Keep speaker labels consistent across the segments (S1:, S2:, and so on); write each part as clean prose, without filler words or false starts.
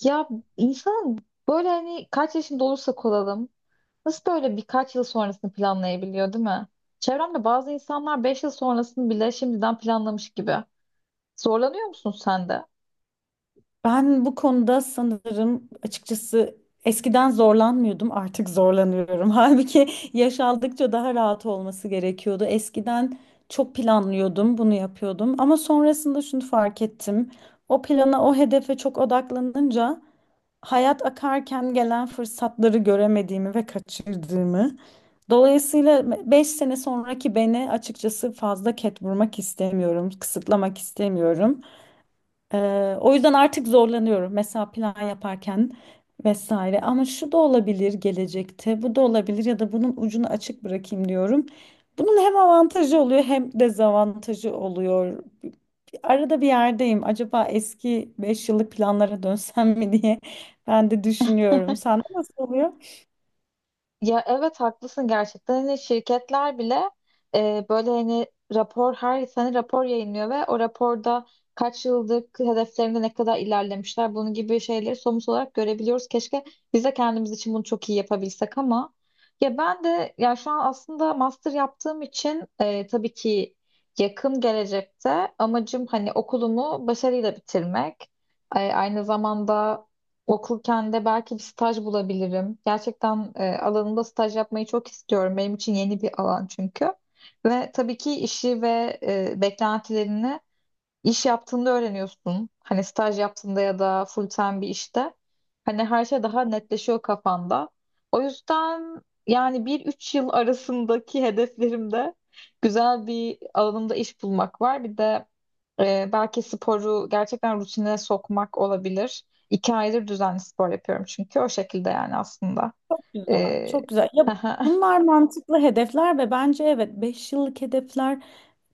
S1: Ya insan böyle hani kaç yaşında olursak olalım nasıl böyle birkaç yıl sonrasını planlayabiliyor değil mi? Çevremde bazı insanlar 5 yıl sonrasını bile şimdiden planlamış gibi. Zorlanıyor musun sen de?
S2: Ben bu konuda sanırım açıkçası eskiden zorlanmıyordum, artık zorlanıyorum. Halbuki yaş aldıkça daha rahat olması gerekiyordu. Eskiden çok planlıyordum, bunu yapıyordum ama sonrasında şunu fark ettim. O plana, o hedefe çok odaklanınca hayat akarken gelen fırsatları göremediğimi ve kaçırdığımı. Dolayısıyla 5 sene sonraki beni açıkçası fazla ket vurmak istemiyorum, kısıtlamak istemiyorum. O yüzden artık zorlanıyorum. Mesela plan yaparken vesaire. Ama şu da olabilir gelecekte, bu da olabilir ya da bunun ucunu açık bırakayım diyorum. Bunun hem avantajı oluyor hem dezavantajı oluyor. Arada bir yerdeyim. Acaba eski 5 yıllık planlara dönsem mi diye ben de düşünüyorum. Sen nasıl oluyor?
S1: Ya evet haklısın, gerçekten hani şirketler bile böyle hani rapor her sene rapor yayınlıyor ve o raporda kaç yıldır hedeflerinde ne kadar ilerlemişler bunun gibi şeyleri somut olarak görebiliyoruz. Keşke biz de kendimiz için bunu çok iyi yapabilsek ama ya ben de, ya şu an aslında master yaptığım için tabii ki yakın gelecekte amacım hani okulumu başarıyla bitirmek. Aynı zamanda okurken de belki bir staj bulabilirim. Gerçekten alanımda staj yapmayı çok istiyorum. Benim için yeni bir alan çünkü. Ve tabii ki işi ve beklentilerini İş yaptığında öğreniyorsun. Hani staj yaptığında ya da full time bir işte. Hani her şey daha netleşiyor kafanda. O yüzden yani bir üç yıl arasındaki hedeflerimde güzel bir alanımda iş bulmak var. Bir de belki sporu gerçekten rutine sokmak olabilir. 2 aydır düzenli spor yapıyorum çünkü o şekilde yani aslında.
S2: Çok güzel,
S1: E,
S2: çok güzel. Ya
S1: Hı
S2: bunlar mantıklı hedefler ve bence evet 5 yıllık hedefler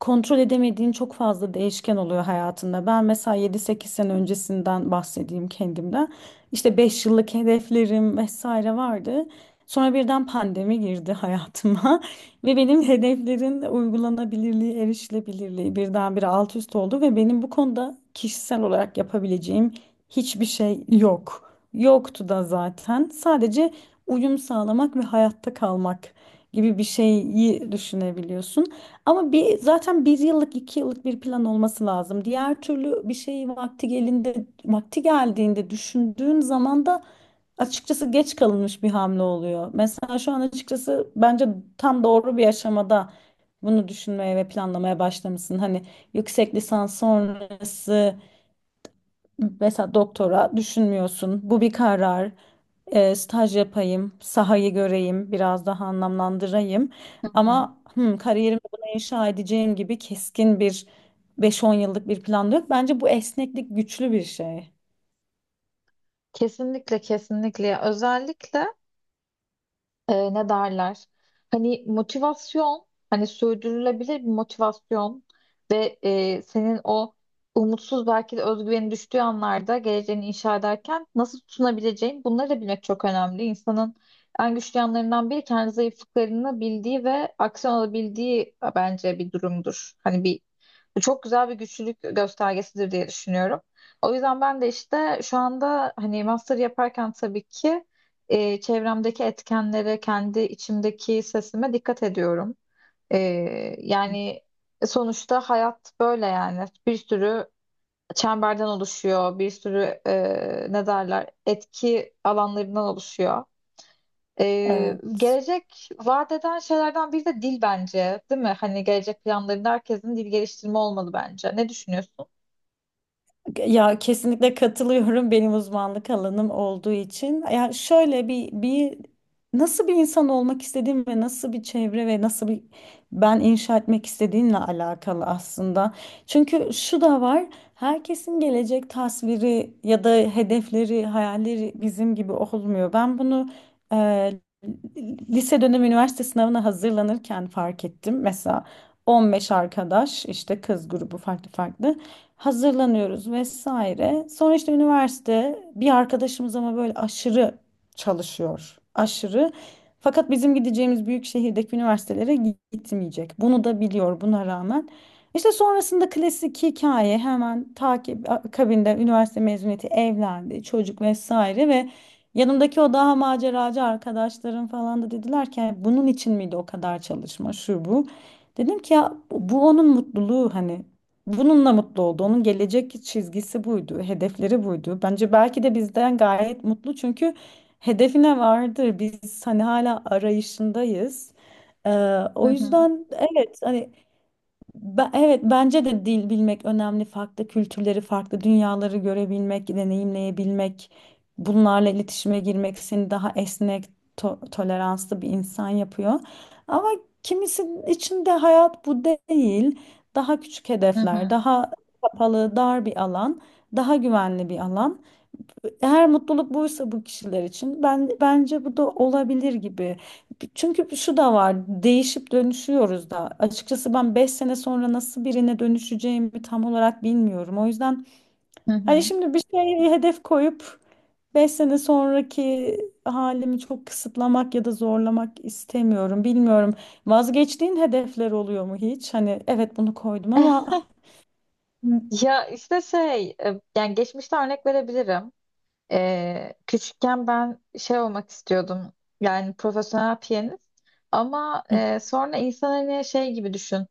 S2: kontrol edemediğin çok fazla değişken oluyor hayatında. Ben mesela 7 8 sene öncesinden bahsedeyim kendimden. İşte 5 yıllık hedeflerim vesaire vardı. Sonra birden pandemi girdi hayatıma ve benim hedeflerin uygulanabilirliği, erişilebilirliği birdenbire alt üst oldu ve benim bu konuda kişisel olarak yapabileceğim hiçbir şey yok. Yoktu da zaten. Sadece uyum sağlamak ve hayatta kalmak gibi bir şeyi düşünebiliyorsun. Ama zaten 1 yıllık 2 yıllık bir plan olması lazım. Diğer türlü bir şeyi vakti geldiğinde düşündüğün zaman da açıkçası geç kalınmış bir hamle oluyor. Mesela şu an açıkçası bence tam doğru bir aşamada bunu düşünmeye ve planlamaya başlamışsın. Hani yüksek lisans sonrası. Mesela doktora düşünmüyorsun. Bu bir karar. Staj yapayım, sahayı göreyim, biraz daha anlamlandırayım.
S1: hı.
S2: Ama kariyerimi buna inşa edeceğim gibi keskin bir 5-10 yıllık bir plan da yok. Bence bu esneklik güçlü bir şey.
S1: Kesinlikle, kesinlikle. Özellikle ne derler? Hani motivasyon, hani sürdürülebilir bir motivasyon ve senin o umutsuz, belki de özgüveni düştüğü anlarda geleceğini inşa ederken nasıl tutunabileceğin, bunları da bilmek çok önemli. İnsanın en güçlü yanlarından biri kendi zayıflıklarını bildiği ve aksiyon alabildiği bence bir durumdur. Hani bir, bu çok güzel bir güçlülük göstergesidir diye düşünüyorum. O yüzden ben de işte şu anda hani master yaparken tabii ki çevremdeki etkenlere, kendi içimdeki sesime dikkat ediyorum. E, yani sonuçta hayat böyle yani. Bir sürü çemberden oluşuyor, bir sürü ne derler etki alanlarından oluşuyor. E,
S2: Evet.
S1: gelecek vaat eden şeylerden biri de dil bence, değil mi? Hani gelecek planlarında herkesin dil geliştirme olmalı bence. Ne düşünüyorsun?
S2: Ya kesinlikle katılıyorum benim uzmanlık alanım olduğu için. Ya şöyle bir nasıl bir insan olmak istediğim ve nasıl bir çevre ve nasıl bir ben inşa etmek istediğimle alakalı aslında. Çünkü şu da var. Herkesin gelecek tasviri ya da hedefleri, hayalleri bizim gibi olmuyor. Ben bunu e, lise dönemi üniversite sınavına hazırlanırken fark ettim. Mesela 15 arkadaş işte kız grubu farklı farklı hazırlanıyoruz vesaire. Sonra işte üniversite bir arkadaşımız ama böyle aşırı çalışıyor. Aşırı. Fakat bizim gideceğimiz büyük şehirdeki üniversitelere gitmeyecek. Bunu da biliyor buna rağmen. İşte sonrasında klasik hikaye hemen takip akabinde üniversite mezuniyeti evlendi çocuk vesaire ve yanımdaki o daha maceracı arkadaşlarım falan da dediler ki "Yani bunun için miydi o kadar çalışma şu bu." Dedim ki ya bu onun mutluluğu hani. Bununla mutlu oldu. Onun gelecek çizgisi buydu, hedefleri buydu. Bence belki de bizden gayet mutlu çünkü hedefine vardır. Biz hani hala arayışındayız. Ee,
S1: Hı
S2: O
S1: hı,
S2: yüzden evet hani evet bence de dil bilmek önemli. Farklı kültürleri, farklı dünyaları görebilmek, deneyimleyebilmek, bunlarla iletişime girmek seni daha esnek, toleranslı bir insan yapıyor. Ama kimisinin içinde hayat bu değil. Daha küçük
S1: hı
S2: hedefler,
S1: hı,
S2: daha kapalı, dar bir alan, daha güvenli bir alan. Eğer mutluluk buysa bu kişiler için ben bence bu da olabilir gibi. Çünkü şu da var. Değişip dönüşüyoruz da. Açıkçası ben 5 sene sonra nasıl birine dönüşeceğimi tam olarak bilmiyorum. O yüzden
S1: hı
S2: hani
S1: hı.
S2: şimdi bir şeye hedef koyup 5 sene sonraki halimi çok kısıtlamak ya da zorlamak istemiyorum. Bilmiyorum. Vazgeçtiğin hedefler oluyor mu hiç? Hani evet bunu koydum ama
S1: Ya işte şey, yani geçmişte örnek verebilirim. Küçükken ben şey olmak istiyordum, yani profesyonel piyanist, ama sonra insan hani şey gibi düşün.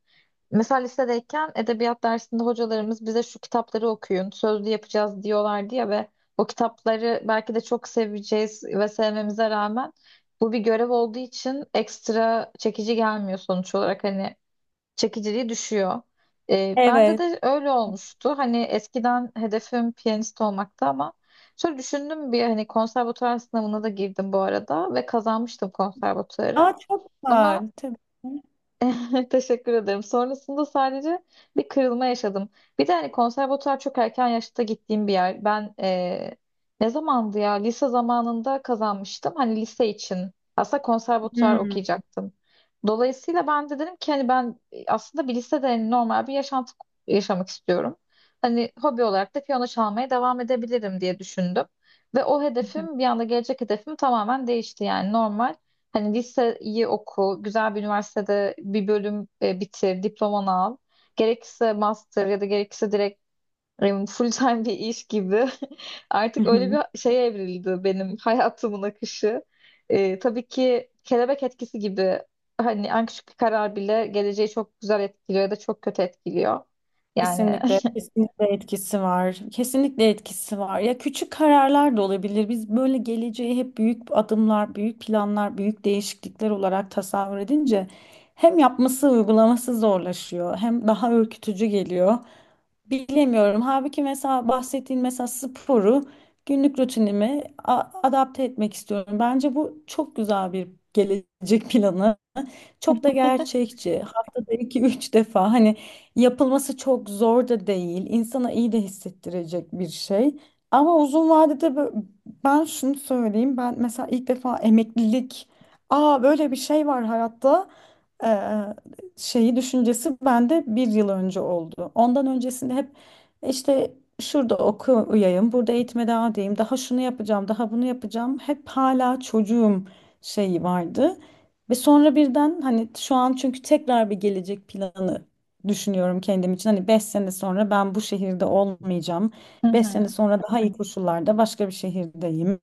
S1: Mesela lisedeyken edebiyat dersinde hocalarımız bize şu kitapları okuyun, sözlü yapacağız diyorlardı ya ve o kitapları belki de çok seveceğiz ve sevmemize rağmen bu bir görev olduğu için ekstra çekici gelmiyor sonuç olarak. Hani çekiciliği düşüyor. Bende
S2: evet.
S1: de öyle olmuştu. Hani eskiden hedefim piyanist olmaktı ama şöyle düşündüm: bir hani konservatuvar sınavına da girdim bu arada ve kazanmıştım konservatuvarı.
S2: Aa, çok var
S1: Ama
S2: tabii.
S1: teşekkür ederim. Sonrasında sadece bir kırılma yaşadım. Bir de hani konservatuar çok erken yaşta gittiğim bir yer. Ben ne zamandı ya? Lise zamanında kazanmıştım. Hani lise için. Aslında konservatuar okuyacaktım. Dolayısıyla ben de dedim ki hani ben aslında bir lisede hani normal bir yaşantı yaşamak istiyorum. Hani hobi olarak da piyano çalmaya devam edebilirim diye düşündüm. Ve o hedefim bir anda, gelecek hedefim tamamen değişti yani, normal. Hani liseyi oku, güzel bir üniversitede bir bölüm bitir, diplomanı al. Gerekirse master ya da gerekirse direkt full time bir iş gibi. Artık öyle bir şeye evrildi benim hayatımın akışı. Tabii ki kelebek etkisi gibi hani en küçük bir karar bile geleceği çok güzel etkiliyor ya da çok kötü etkiliyor. Yani
S2: Kesinlikle, kesinlikle etkisi var. Kesinlikle etkisi var. Ya küçük kararlar da olabilir. Biz böyle geleceği hep büyük adımlar, büyük planlar, büyük değişiklikler olarak tasavvur edince hem yapması, uygulaması zorlaşıyor, hem daha ürkütücü geliyor. Bilemiyorum. Halbuki mesela bahsettiğin mesela sporu günlük rutinime adapte etmek istiyorum. Bence bu çok güzel bir gelecek planı. Çok da gerçekçi. Haftada 2 3 defa hani yapılması çok zor da değil. İnsana iyi de hissettirecek bir şey. Ama uzun vadede ben şunu söyleyeyim. Ben mesela ilk defa emeklilik, aa böyle bir şey var hayatta eee, şeyi düşüncesi bende 1 yıl önce oldu. Ondan öncesinde hep işte şurada okuyayım, burada eğitime devam edeyim, daha şunu yapacağım, daha bunu yapacağım. Hep hala çocuğum şeyi vardı. Ve sonra birden hani şu an çünkü tekrar bir gelecek planı düşünüyorum kendim için. Hani 5 sene sonra ben bu şehirde olmayacağım.
S1: hı
S2: 5 sene
S1: hı,
S2: sonra daha iyi koşullarda başka bir şehirdeyim.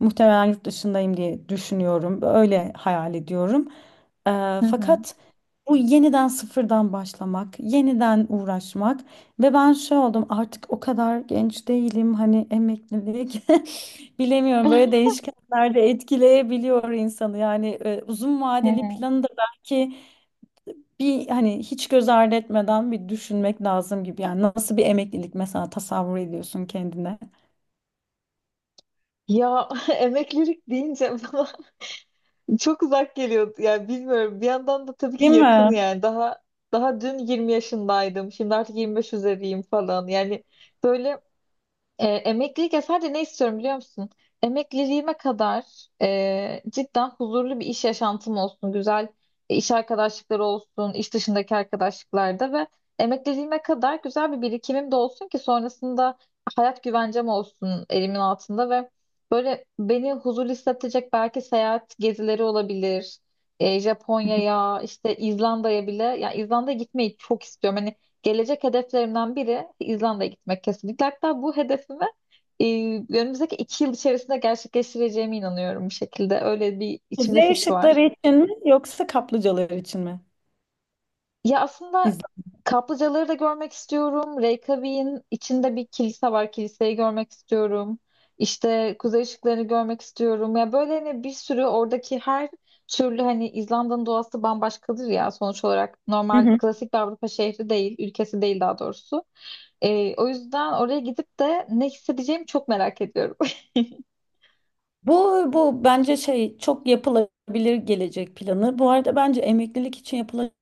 S2: Muhtemelen yurt dışındayım diye düşünüyorum. Öyle hayal ediyorum.
S1: hı hı.
S2: Fakat bu yeniden sıfırdan başlamak, yeniden uğraşmak ve ben şey oldum artık o kadar genç değilim hani emeklilik bilemiyorum böyle değişkenler de etkileyebiliyor insanı yani uzun
S1: Hı
S2: vadeli
S1: hı.
S2: planı da belki bir hani hiç göz ardı etmeden bir düşünmek lazım gibi yani nasıl bir emeklilik mesela tasavvur ediyorsun kendine
S1: Ya emeklilik deyince çok uzak geliyor. Yani bilmiyorum. Bir yandan da tabii ki
S2: değil
S1: yakın
S2: mi?
S1: yani. Daha dün 20 yaşındaydım. Şimdi artık 25 üzeriyim falan. Yani böyle emeklilik ya, sadece ne istiyorum biliyor musun? Emekliliğime kadar cidden huzurlu bir iş yaşantım olsun, güzel iş arkadaşlıkları olsun, iş dışındaki arkadaşlıklarda, ve emekliliğime kadar güzel bir birikimim de olsun ki sonrasında hayat güvencem olsun elimin altında ve böyle beni huzurlu hissettirecek belki seyahat gezileri olabilir. Japonya'ya, işte İzlanda'ya bile, ya İzlanda'ya gitmeyi çok istiyorum. Hani gelecek hedeflerimden biri İzlanda'ya gitmek kesinlikle. Hatta bu hedefimi e, önümüzdeki 2 yıl içerisinde gerçekleştireceğime inanıyorum bir şekilde. Öyle bir içimde
S2: Z
S1: his var.
S2: ışıkları için mi yoksa kaplıcalar için mi?
S1: Ya aslında
S2: İzle.
S1: kaplıcaları da görmek istiyorum. Reykjavik'in içinde bir kilise var. Kiliseyi görmek istiyorum. İşte kuzey ışıklarını görmek istiyorum. Ya böyle hani bir sürü oradaki her türlü, hani İzlanda'nın doğası bambaşkadır ya sonuç olarak. Normal klasik bir Avrupa şehri değil, ülkesi değil daha doğrusu. O yüzden oraya gidip de ne hissedeceğimi çok merak ediyorum.
S2: Bu bu bence şey çok yapılabilir gelecek planı. Bu arada bence emeklilik için yapılabilir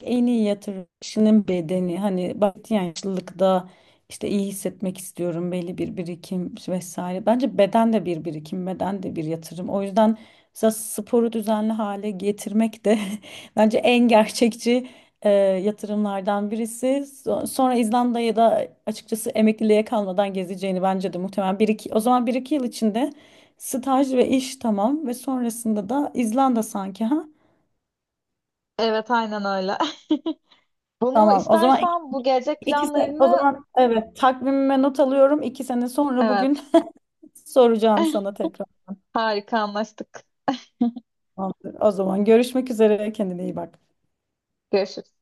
S2: en iyi yatırım kişinin bedeni. Hani bahsettiğin yaşlılıkta işte iyi hissetmek istiyorum belli bir birikim vesaire. Bence beden de bir birikim, beden de bir yatırım. O yüzden mesela sporu düzenli hale getirmek de bence en gerçekçi yatırımlardan birisi. Sonra İzlanda'ya da açıkçası emekliliğe kalmadan gezeceğini bence de muhtemelen bir iki, o zaman 1 2 yıl içinde staj ve iş tamam ve sonrasında da İzlanda sanki ha.
S1: Evet, aynen öyle. Bunu
S2: Tamam. O zaman
S1: istersen bu gelecek
S2: 2 sene, o
S1: planlarını,
S2: zaman evet takvimime not alıyorum. 2 sene sonra bugün
S1: evet.
S2: soracağım sana tekrar.
S1: Harika, anlaştık.
S2: Tamamdır. O zaman görüşmek üzere. Kendine iyi bak.
S1: Görüşürüz.